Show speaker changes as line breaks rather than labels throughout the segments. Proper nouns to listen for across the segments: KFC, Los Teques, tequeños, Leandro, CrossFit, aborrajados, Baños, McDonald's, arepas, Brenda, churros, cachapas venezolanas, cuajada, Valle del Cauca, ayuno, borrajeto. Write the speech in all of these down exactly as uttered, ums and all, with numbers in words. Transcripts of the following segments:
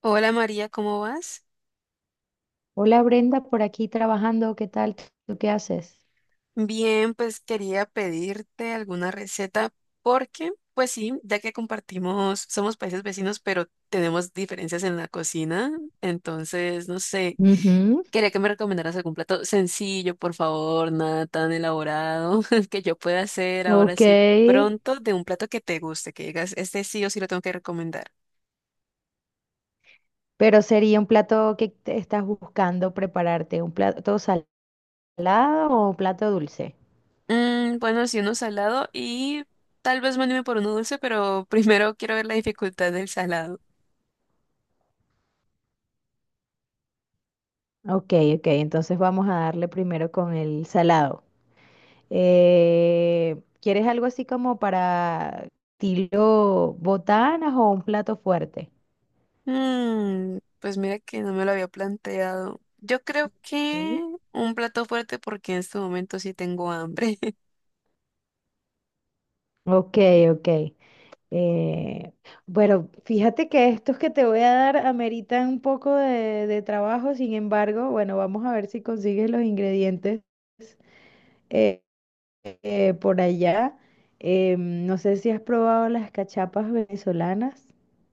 Hola María, ¿cómo vas?
Hola Brenda, por aquí trabajando, ¿qué tal? ¿Tú qué haces?
Bien, pues quería pedirte alguna receta porque, pues sí, ya que compartimos, somos países vecinos, pero tenemos diferencias en la cocina, entonces, no sé,
Ujú.
quería que me recomendaras algún plato sencillo, por favor, nada tan elaborado que yo pueda hacer ahora
Ok,
sí pronto, de un plato que te guste, que digas, este sí o sí lo tengo que recomendar.
pero sería un plato que te estás buscando prepararte, ¿un plato salado o un plato dulce?
Mm, bueno, sí, uno salado y tal vez me anime por uno dulce, pero primero quiero ver la dificultad del salado.
Ok, ok, entonces vamos a darle primero con el salado. Eh, ¿quieres algo así como para estilo botanas o un plato fuerte?
Mm, pues mira que no me lo había planteado. Yo creo
Mm.
que un plato fuerte porque en este momento sí tengo hambre.
Ok, ok. Eh, bueno, fíjate que estos que te voy a dar ameritan un poco de, de trabajo, sin embargo, bueno, vamos a ver si consigues los ingredientes eh, eh, por allá. Eh, no sé si has probado las cachapas venezolanas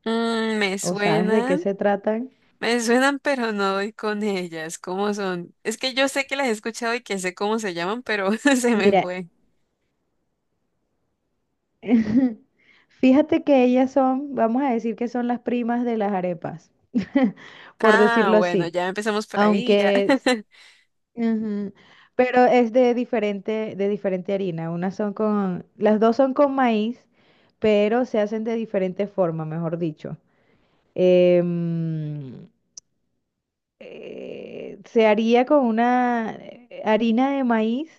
Mm, me
o sabes de qué
suenan,
se tratan.
me suenan, pero no doy con ellas. ¿Cómo son? Es que yo sé que las he escuchado y que sé cómo se llaman, pero se me
Mira,
fue.
fíjate que ellas son, vamos a decir que son las primas de las arepas, por
Ah,
decirlo
bueno,
así.
ya empezamos por ahí, ya.
Aunque ujú. Pero es de diferente, de diferente harina. Unas son con, las dos son con maíz, pero se hacen de diferente forma, mejor dicho. Em, eh, Se haría con una eh, harina de maíz,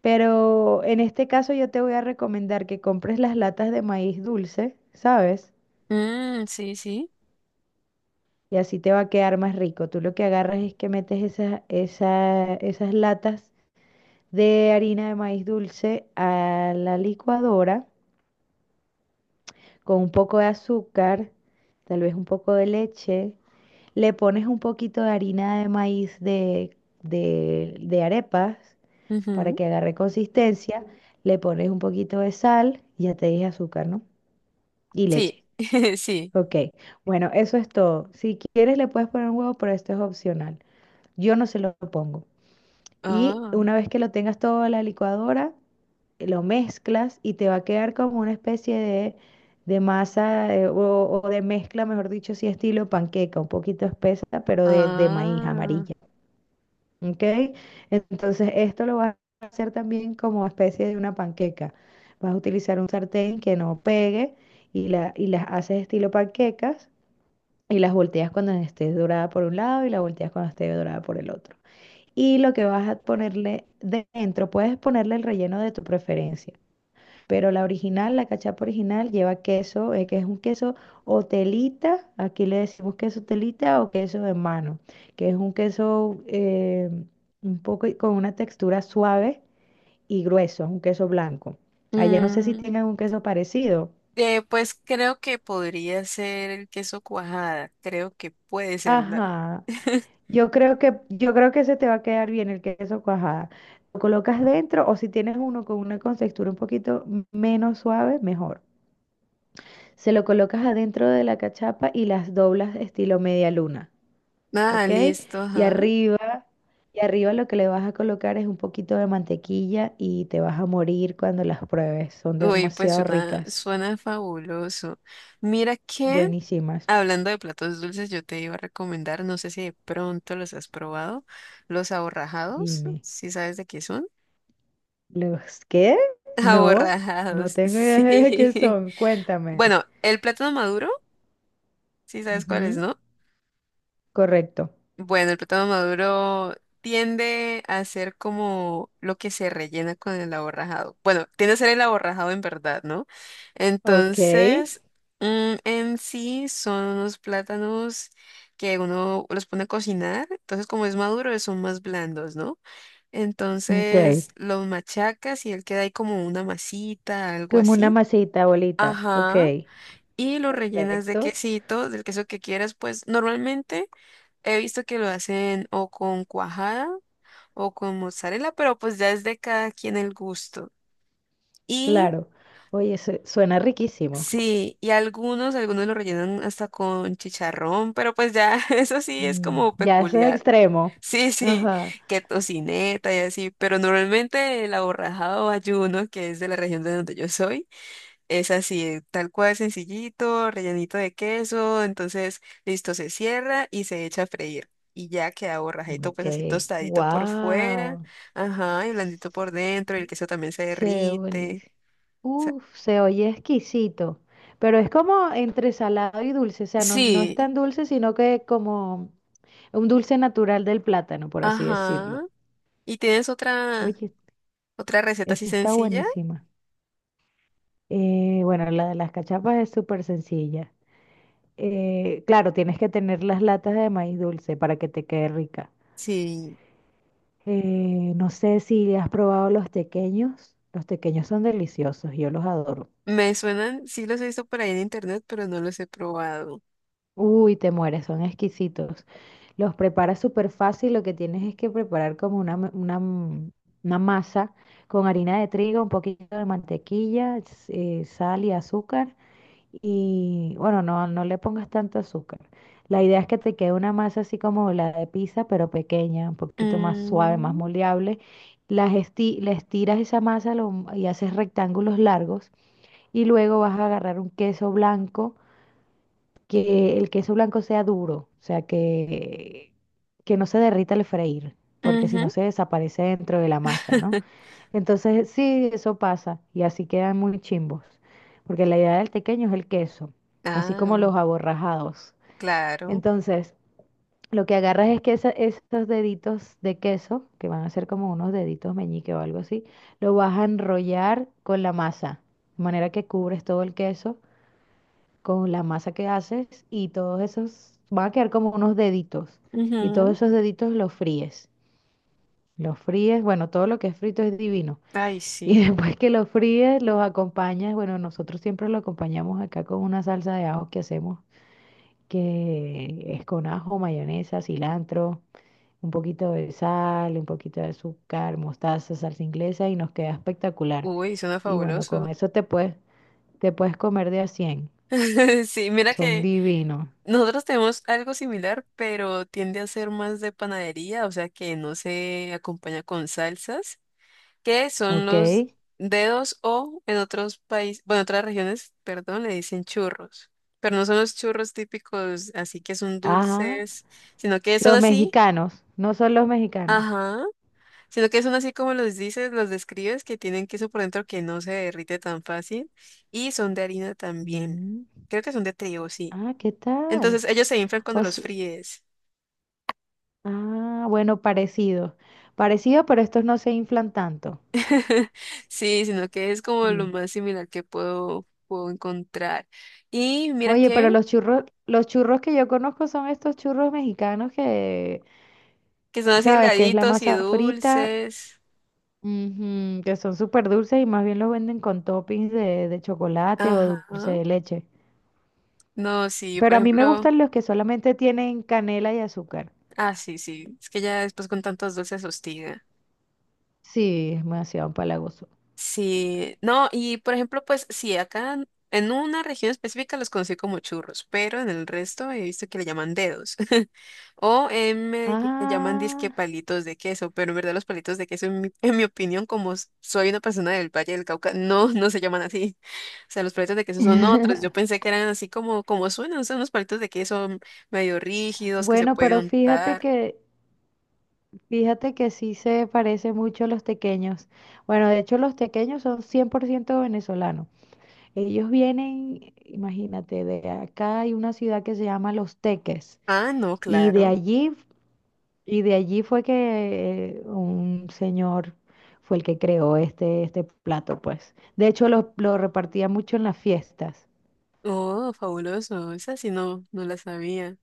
pero en este caso yo te voy a recomendar que compres las latas de maíz dulce, ¿sabes?
Mm, sí, sí.
Y así te va a quedar más rico. Tú lo que agarras es que metes esas, esa- esas latas de harina de maíz dulce a la licuadora con un poco de azúcar, tal vez un poco de leche. Le pones un poquito de harina de maíz de, de, de arepas para
Ujú.
que agarre consistencia. Le pones un poquito de sal, ya te dije azúcar, ¿no? Y
Sí,
leche.
sí.
Ok, bueno, eso es todo. Si quieres le puedes poner huevo, pero esto es opcional. Yo no se lo pongo. Y
Ah,
una vez que lo tengas todo en la licuadora, eh, lo mezclas y te va a quedar como una especie de, de masa eh, o, o de mezcla, mejor dicho, sí, estilo panqueca, un poquito espesa, pero de, de maíz
ah.
amarilla. ¿Ok? Entonces, esto lo vas a hacer también como especie de una panqueca. Vas a utilizar un sartén que no pegue y, la, y las haces estilo panquecas y las volteas cuando esté dorada por un lado y las volteas cuando esté dorada por el otro y lo que vas a ponerle dentro. Puedes ponerle el relleno de tu preferencia, pero la original, la cachapa original, lleva queso, eh, que es un queso o telita, aquí le decimos queso telita o queso de mano, que es un queso eh, un poco con una textura suave y grueso, un queso blanco. Allá no sé si
Mm.
tengan un queso parecido.
Eh, pues creo que podría ser el queso cuajada. Creo que puede ser. La-
Ajá. Yo creo que, yo creo que se te va a quedar bien el queso cuajada. Lo colocas dentro o si tienes uno con una contextura un poquito menos suave, mejor. Se lo colocas adentro de la cachapa y las doblas estilo media luna,
Nada,
¿ok?
listo,
Y
ajá.
arriba, y arriba lo que le vas a colocar es un poquito de mantequilla y te vas a morir cuando las pruebes. Son
Uy, pues
demasiado
suena,
ricas,
suena fabuloso. Mira que,
buenísimas.
hablando de platos dulces, yo te iba a recomendar, no sé si de pronto los has probado, los aborrajados,
Dime,
si sabes de qué son.
¿los qué? No, no
Aborrajados,
tengo idea de qué
sí.
son. Cuéntame.
Bueno, el plátano maduro, si sabes cuál es,
Ujú.
¿no?
Correcto.
Bueno, el plátano maduro tiende a ser como lo que se rellena con el aborrajado. Bueno, tiende a ser el aborrajado en verdad, ¿no?
Ok.
Entonces, mm, en sí son unos plátanos que uno los pone a cocinar. Entonces, como es maduro, son más blandos, ¿no?
Ok.
Entonces, los machacas y él queda ahí como una masita, algo
Como una
así.
masita bolita. Ok.
Ajá, y lo rellenas de
Perfecto.
quesito, del queso que quieras, pues normalmente he visto que lo hacen o con cuajada o con mozzarella, pero pues ya es de cada quien el gusto. Y
Claro. Oye, su- suena riquísimo.
sí, y algunos, algunos lo rellenan hasta con chicharrón, pero pues ya eso sí es
Mm,
como
ya eso es
peculiar.
extremo.
Sí, sí,
Ajá.
que tocineta y así, pero normalmente el aborrajado o ayuno, que es de la región de donde yo soy, es así, tal cual, sencillito, rellenito de queso, entonces listo, se cierra y se echa a freír. Y ya queda borrajeto,
Ok.
pues así tostadito por fuera,
Wow.
ajá, y blandito por dentro, y el queso también se
Se ve
derrite.
buenísimo.
O sea,
Uf, se oye exquisito. Pero es como entre salado y dulce. O sea, no, no es
sí,
tan dulce, sino que como un dulce natural del plátano, por así
ajá.
decirlo.
¿Y tienes otra,
Oye,
otra receta así
esa está
sencilla?
buenísima. Eh, bueno, la de las cachapas es súper sencilla. Eh, claro, tienes que tener las latas de maíz dulce para que te quede rica.
Sí,
Eh, no sé si has probado los tequeños. Los tequeños son deliciosos, yo los adoro.
me suenan, sí los he visto por ahí en internet, pero no los he probado.
Uy, te mueres, son exquisitos. Los preparas súper fácil, lo que tienes es que preparar como una, ma- una, mm, una masa con harina de trigo, un poquito de mantequilla, s- eh, sal y azúcar. Y bueno, no, no le pongas tanto azúcar. La idea es que te quede una masa así como la de pizza, pero pequeña, un poquito más suave, más
Mm,
moldeable. Las esti- le estiras esa masa lo- y haces rectángulos largos. Y luego vas a agarrar un queso blanco, que el queso blanco sea duro, o sea, que, que no se derrita al freír, porque si no
ujú.
se desaparece dentro de la masa, ¿no? Entonces, sí, eso pasa y así quedan muy chimbos, porque la idea del tequeño es el queso, así como
Ah,
los aborrajados.
claro.
Entonces, lo que agarras es que esa- esos deditos de queso, que van a ser como unos deditos meñique o algo así, lo vas a enrollar con la masa, de manera que cubres todo el queso con la masa que haces y todos esos van a quedar como unos deditos y todos
Ujú.
esos deditos los fríes. Los fríes, bueno, todo lo que es frito es divino
Ay,
y
sí.
después que los fríes, los acompañas. Bueno, nosotros siempre lo acompañamos acá con una salsa de ajo que hacemos, que es con ajo, mayonesa, cilantro, un poquito de sal, un poquito de azúcar, mostaza, salsa inglesa y nos queda espectacular.
Uy, suena
Y bueno, con
fabuloso.
eso te puedes, te puedes comer de a cien.
Sí, mira
Son
que
divinos,
nosotros tenemos algo similar, pero tiende a ser más de panadería, o sea que no se acompaña con salsas, que son
¿ok?
los dedos, o en otros países, bueno, otras regiones, perdón, le dicen churros, pero no son los churros típicos, así que son
Ajá.
dulces, sino que son
Los
así,
mexicanos, no son los mexicanos.
ajá, sino que son así como los dices, los describes, que tienen queso por dentro que no se derrite tan fácil y son de harina también.
Mm,
Creo que son de trigo, sí.
ah, ¿qué tal?
Entonces ellos se inflan cuando
O
los fríes.
ah, bueno, parecido. Parecido, pero estos no se inflan tanto.
Sí, sino que es como lo
Sí.
más similar que puedo, puedo encontrar. Y mira
Oye, pero
que,
los churros, los churros que yo conozco son estos churros mexicanos que,
que son así
sabes, que es la
delgaditos y
masa frita,
dulces.
ujú, que son súper dulces y más bien los venden con toppings de, de chocolate o
Ajá.
dulce de leche.
No, sí, por
Pero a mí me
ejemplo.
gustan los que solamente tienen canela y azúcar.
Ah, sí, sí. Es que ya después con tantos dulces hostiga.
Sí, es demasiado empalagoso.
Sí, no, y por ejemplo, pues sí, acá en en una región específica los conocí como churros, pero en el resto he visto que le llaman dedos. O en Medellín le llaman disque
Ah.
palitos de queso, pero en verdad los palitos de queso, en mi, en mi opinión, como s- soy una persona del Valle del Cauca, no, no se llaman así. O sea, los palitos de queso son otros. Yo pensé que eran así como, como suenan, son unos palitos de queso medio rígidos que se
Bueno,
pueden
pero fíjate
untar.
que fíjate que sí se parece mucho a los tequeños. Bueno, de hecho los tequeños son cien por ciento venezolanos. Ellos vienen, imagínate, de acá hay una ciudad que se llama Los Teques
Ah, no,
y de
claro.
allí y de allí fue que eh, un señor fue el que creó este este plato, pues. De hecho lo, lo repartía mucho en las fiestas.
Oh, fabuloso. Esa sí no, no la sabía.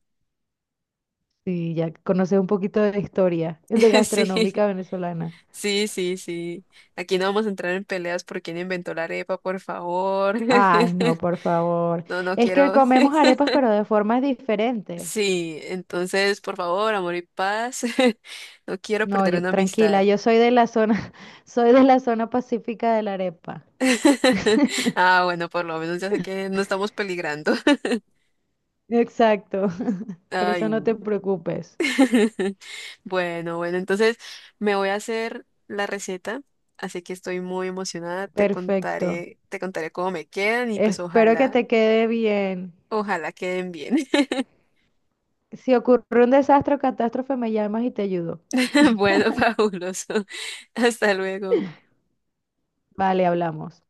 Sí, ya conoces un poquito de la historia de
Sí.
gastronómica venezolana.
Sí, sí, sí. Aquí no vamos a entrar en peleas por quién inventó la arepa, por favor.
Ay, no, por favor.
No, no
Es que
quiero.
comemos arepas, pero de formas diferentes.
Sí, entonces, por favor, amor y paz. No quiero
No,
perder
yo,
una
tranquila,
amistad.
yo soy de la zona, soy de la zona pacífica de la arepa.
Ah, bueno, por lo menos ya sé que no estamos peligrando.
Exacto. Por eso
Ay.
no te preocupes.
Bueno, bueno, entonces me voy a hacer la receta, así que estoy muy emocionada. Te
Perfecto.
contaré, te contaré cómo me quedan y pues
Espero que
ojalá,
te quede bien.
ojalá queden bien.
Si ocurre un desastre o catástrofe, me llamas y te ayudo.
Bueno, fabuloso. Hasta luego.
Vale, hablamos.